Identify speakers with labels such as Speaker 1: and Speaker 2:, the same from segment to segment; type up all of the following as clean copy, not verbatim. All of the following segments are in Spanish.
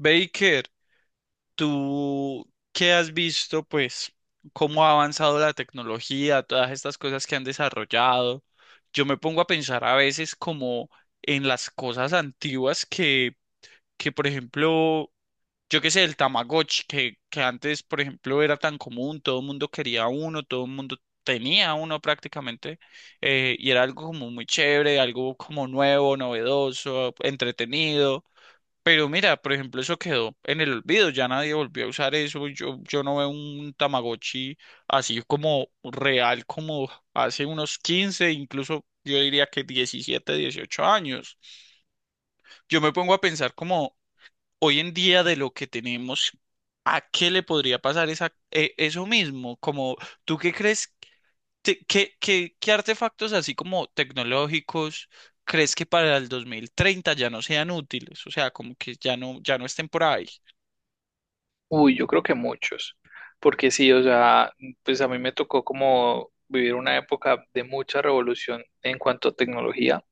Speaker 1: Baker, ¿tú qué has visto, pues, cómo ha avanzado la tecnología, todas estas cosas que han desarrollado? Yo me pongo a pensar a veces como en las cosas antiguas que por ejemplo, yo qué sé, el Tamagotchi, que antes, por ejemplo, era tan común, todo el mundo quería uno, todo el mundo tenía uno prácticamente, y era algo como muy chévere, algo como nuevo, novedoso, entretenido. Pero mira, por ejemplo, eso quedó en el olvido, ya nadie volvió a usar eso, yo no veo un Tamagotchi así como real como hace unos 15, incluso yo diría que 17, 18 años. Yo me pongo a pensar como hoy en día de lo que tenemos, ¿a qué le podría pasar eso mismo? Como, ¿tú qué crees? ¿Qué artefactos así como tecnológicos? ¿Crees que para el 2030 ya no sean útiles? O sea, como que ya no estén por ahí.
Speaker 2: Uy, yo creo que muchos, porque sí, o sea, pues a mí me tocó como vivir una época de mucha revolución en cuanto a tecnología.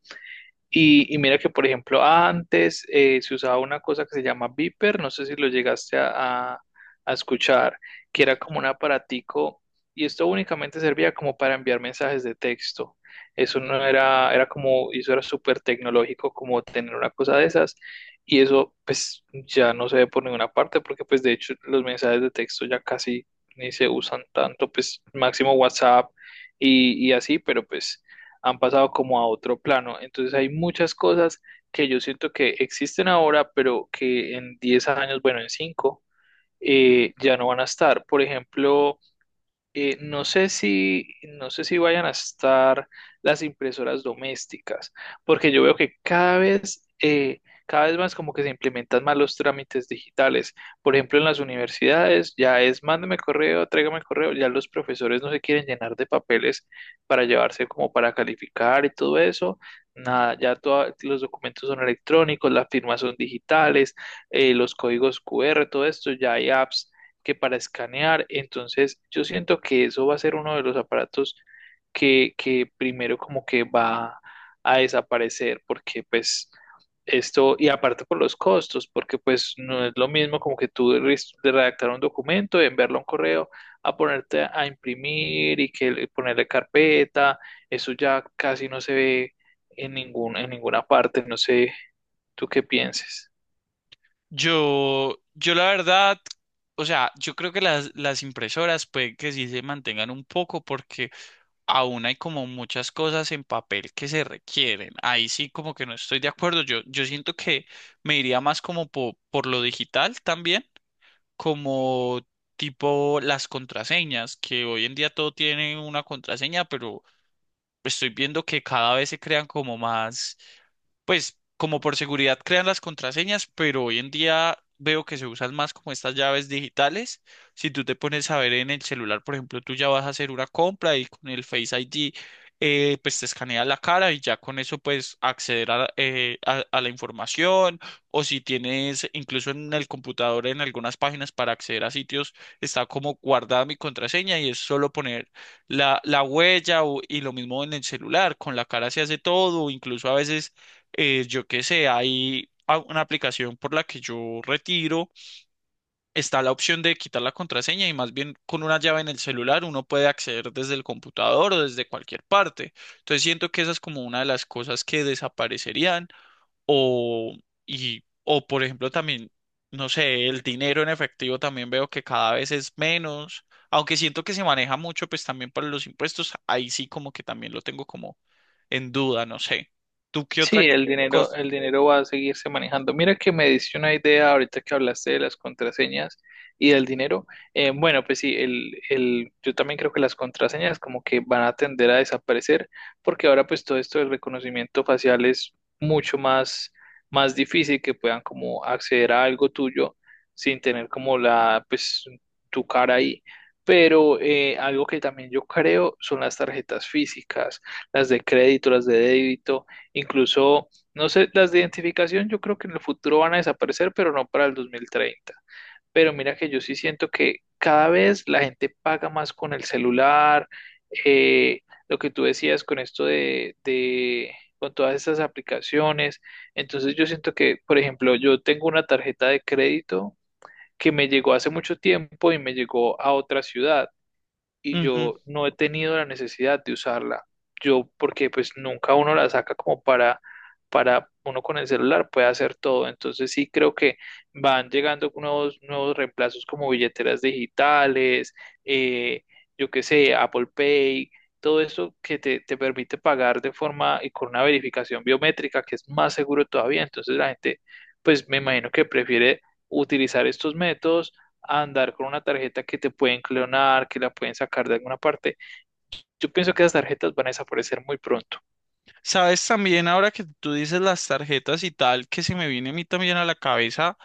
Speaker 2: Y mira que, por ejemplo, antes se usaba una cosa que se llama Viper, no sé si lo llegaste a escuchar, que era como un aparatico y esto únicamente servía como para enviar mensajes de texto. Eso no era, era como, y eso era súper tecnológico como tener una cosa de esas y eso pues ya no se ve por ninguna parte porque pues de hecho los mensajes de texto ya casi ni se usan tanto, pues máximo WhatsApp y así, pero pues han pasado como a otro plano. Entonces hay muchas cosas que yo siento que existen ahora, pero que en 10 años, bueno, en 5,
Speaker 1: Mm.
Speaker 2: ya no van a estar. Por ejemplo, eh, no sé si, no sé si vayan a estar las impresoras domésticas, porque yo veo que cada vez más como que se implementan más los trámites digitales. Por ejemplo, en las universidades ya es mándame correo, tráigame correo, ya los profesores no se quieren llenar de papeles para llevarse como para calificar y todo eso. Nada, ya los documentos son electrónicos, las firmas son digitales, los códigos QR, todo esto, ya hay apps que para escanear. Entonces, yo siento que eso va a ser uno de los aparatos que primero como que va a desaparecer, porque pues esto, y aparte por los costos, porque pues no es lo mismo como que de redactar un documento, enviarlo a un correo, a ponerte a imprimir y ponerle carpeta, eso ya casi no se ve en ningún, en ninguna parte, no sé, tú qué pienses.
Speaker 1: Yo la verdad, o sea, yo creo que las impresoras puede que sí se mantengan un poco porque aún hay como muchas cosas en papel que se requieren. Ahí sí como que no estoy de acuerdo. Yo siento que me iría más como por lo digital también, como tipo las contraseñas, que hoy en día todo tiene una contraseña, pero estoy viendo que cada vez se crean como más. Pues como por seguridad crean las contraseñas, pero hoy en día veo que se usan más como estas llaves digitales. Si tú te pones a ver en el celular, por ejemplo, tú ya vas a hacer una compra y con el Face ID, pues te escanea la cara y ya con eso pues acceder a, a la información, o si tienes incluso en el computador en algunas páginas para acceder a sitios, está como guardada mi contraseña y es solo poner la huella y lo mismo en el celular, con la cara se hace todo, incluso a veces yo qué sé, hay una aplicación por la que yo retiro, está la opción de quitar la contraseña y más bien con una llave en el celular uno puede acceder desde el computador o desde cualquier parte. Entonces siento que esa es como una de las cosas que desaparecerían o, y, o por ejemplo también, no sé, el dinero en efectivo también veo que cada vez es menos. Aunque siento que se maneja mucho, pues también para los impuestos, ahí sí como que también lo tengo como en duda, no sé. ¿Tú qué
Speaker 2: Sí,
Speaker 1: otra cosa?
Speaker 2: el dinero va a seguirse manejando. Mira que me diste una idea ahorita que hablaste de las contraseñas y del dinero. Bueno, pues sí, yo también creo que las contraseñas como que van a tender a desaparecer porque ahora pues todo esto del reconocimiento facial es mucho más, más difícil que puedan como acceder a algo tuyo sin tener como la, pues tu cara ahí. Pero algo que también yo creo son las tarjetas físicas, las de crédito, las de débito. Incluso, no sé, las de identificación yo creo que en el futuro van a desaparecer, pero no para el 2030. Pero mira que yo sí siento que cada vez la gente paga más con el celular, eh, lo que tú decías con esto con todas estas aplicaciones. Entonces yo siento que, por ejemplo, yo tengo una tarjeta de crédito que me llegó hace mucho tiempo y me llegó a otra ciudad y yo no he tenido la necesidad de usarla. Yo, porque pues nunca uno la saca como para uno con el celular puede hacer todo. Entonces sí creo que van llegando nuevos, nuevos reemplazos como billeteras digitales, eh, yo qué sé, Apple Pay, todo eso que te permite pagar de forma y con una verificación biométrica que es más seguro todavía. Entonces la gente, pues me imagino que prefiere utilizar estos métodos a andar con una tarjeta que te pueden clonar, que la pueden sacar de alguna parte. Yo pienso que esas tarjetas van a desaparecer muy pronto.
Speaker 1: Sabes también, ahora que tú dices las tarjetas y tal, que se me viene a mí también a la cabeza,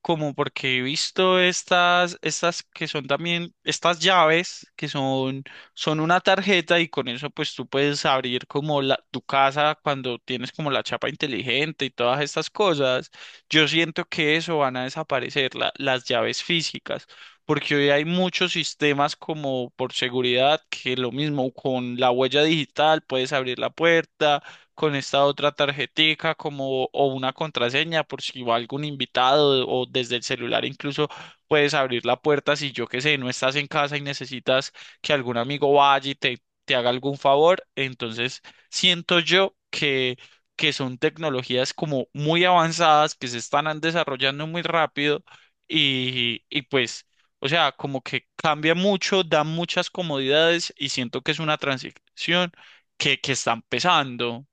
Speaker 1: como porque he visto estas que son también, estas llaves que son, son una tarjeta y con eso pues tú puedes abrir como tu casa cuando tienes como la chapa inteligente y todas estas cosas. Yo siento que eso van a desaparecer, las llaves físicas. Porque hoy hay muchos sistemas como por seguridad, que lo mismo con la huella digital puedes abrir la puerta, con esta otra tarjetica como o una contraseña por si va algún invitado o desde el celular incluso puedes abrir la puerta si yo qué sé, no estás en casa y necesitas que algún amigo vaya y te haga algún favor. Entonces, siento yo que son tecnologías como muy avanzadas, que se están desarrollando muy rápido y pues, o sea, como que cambia mucho, da muchas comodidades y siento que es una transición que está empezando.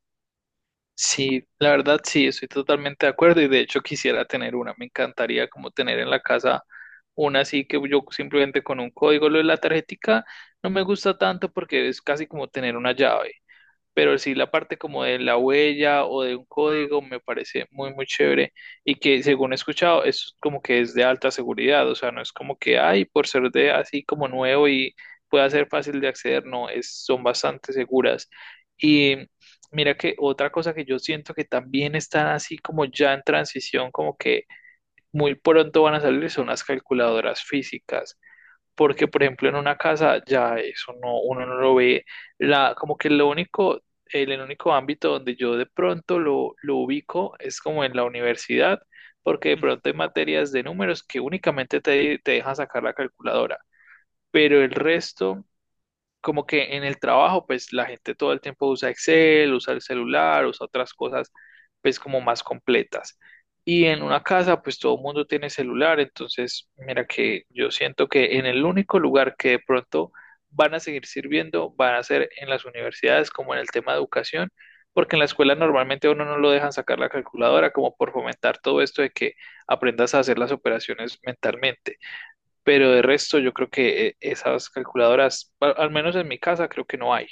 Speaker 2: Sí, la verdad sí, estoy totalmente de acuerdo y de hecho quisiera tener una. Me encantaría como tener en la casa una así que yo simplemente con un código lo de la tarjetica no me gusta tanto porque es casi como tener una llave. Pero sí la parte como de la huella o de un código me parece muy, muy chévere y que según he escuchado es como que es de alta seguridad, o sea, no es como que, ay, por ser de así como nuevo y pueda ser fácil de acceder, no, es, son bastante seguras. Y mira que otra cosa que yo siento que también están así como ya en transición, como que muy pronto van a salir son las calculadoras físicas porque por ejemplo en una casa ya eso no, uno no lo ve, la, como que lo único, el único ámbito donde yo de pronto lo ubico es como en la universidad, porque de pronto hay materias de números que únicamente te dejan sacar la calculadora, pero el resto como que en el trabajo, pues la gente todo el tiempo usa Excel, usa el celular, usa otras cosas, pues como más completas. Y en una casa, pues todo el mundo tiene celular, entonces mira que yo siento que en el único lugar que de pronto van a seguir sirviendo, van a ser en las universidades, como en el tema de educación, porque en la escuela normalmente a uno no lo dejan sacar la calculadora, como por fomentar todo esto de que aprendas a hacer las operaciones mentalmente pero de resto yo creo que esas calculadoras, al menos en mi casa, creo que no hay.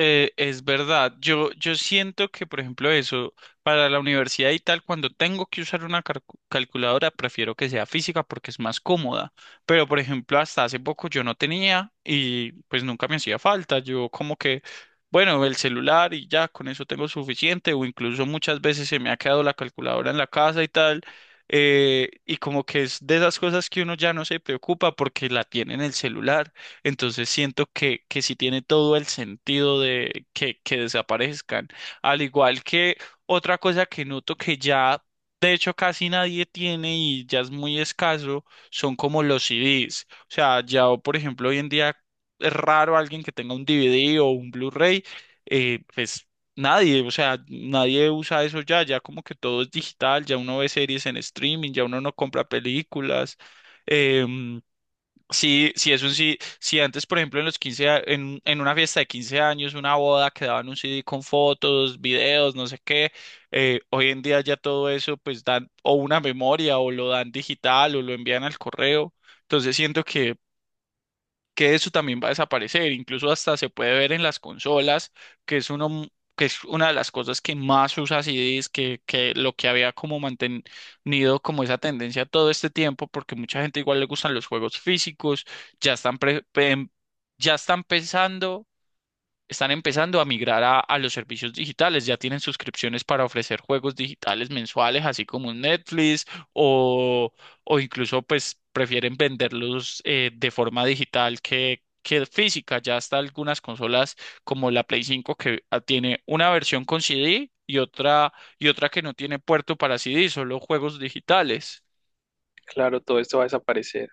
Speaker 1: Es verdad, yo siento que, por ejemplo, eso, para la universidad y tal, cuando tengo que usar una calculadora, prefiero que sea física porque es más cómoda. Pero, por ejemplo, hasta hace poco yo no tenía y pues nunca me hacía falta. Yo como que, bueno, el celular y ya, con eso tengo suficiente o incluso muchas veces se me ha quedado la calculadora en la casa y tal. Y como que es de esas cosas que uno ya no se preocupa porque la tiene en el celular. Entonces siento que sí tiene todo el sentido de que desaparezcan. Al igual que otra cosa que noto que ya, de hecho, casi nadie tiene y ya es muy escaso, son como los CDs. O sea, ya, por ejemplo, hoy en día es raro alguien que tenga un DVD o un Blu-ray, pues nadie, o sea, nadie usa eso ya, ya como que todo es digital, ya uno ve series en streaming, ya uno no compra películas. em, Sí, sí, es un sí. Si antes, por ejemplo, en los en una fiesta de 15 años, una boda, quedaban un CD con fotos, videos, no sé qué, hoy en día ya todo eso, pues dan o una memoria o lo dan digital o lo envían al correo. Entonces siento que eso también va a desaparecer. Incluso hasta se puede ver en las consolas, que es uno que es una de las cosas que más usa CD es que lo que había como mantenido como esa tendencia todo este tiempo, porque mucha gente igual le gustan los juegos físicos, ya están pre- em, ya están pensando, están empezando a migrar a los servicios digitales. Ya tienen suscripciones para ofrecer juegos digitales mensuales, así como un Netflix, o, o incluso pues prefieren venderlos de forma digital que física. Ya hasta algunas consolas como la Play 5 que ah, tiene una versión con CD y otra que no tiene puerto para CD, solo juegos digitales.
Speaker 2: Claro, todo esto va a desaparecer.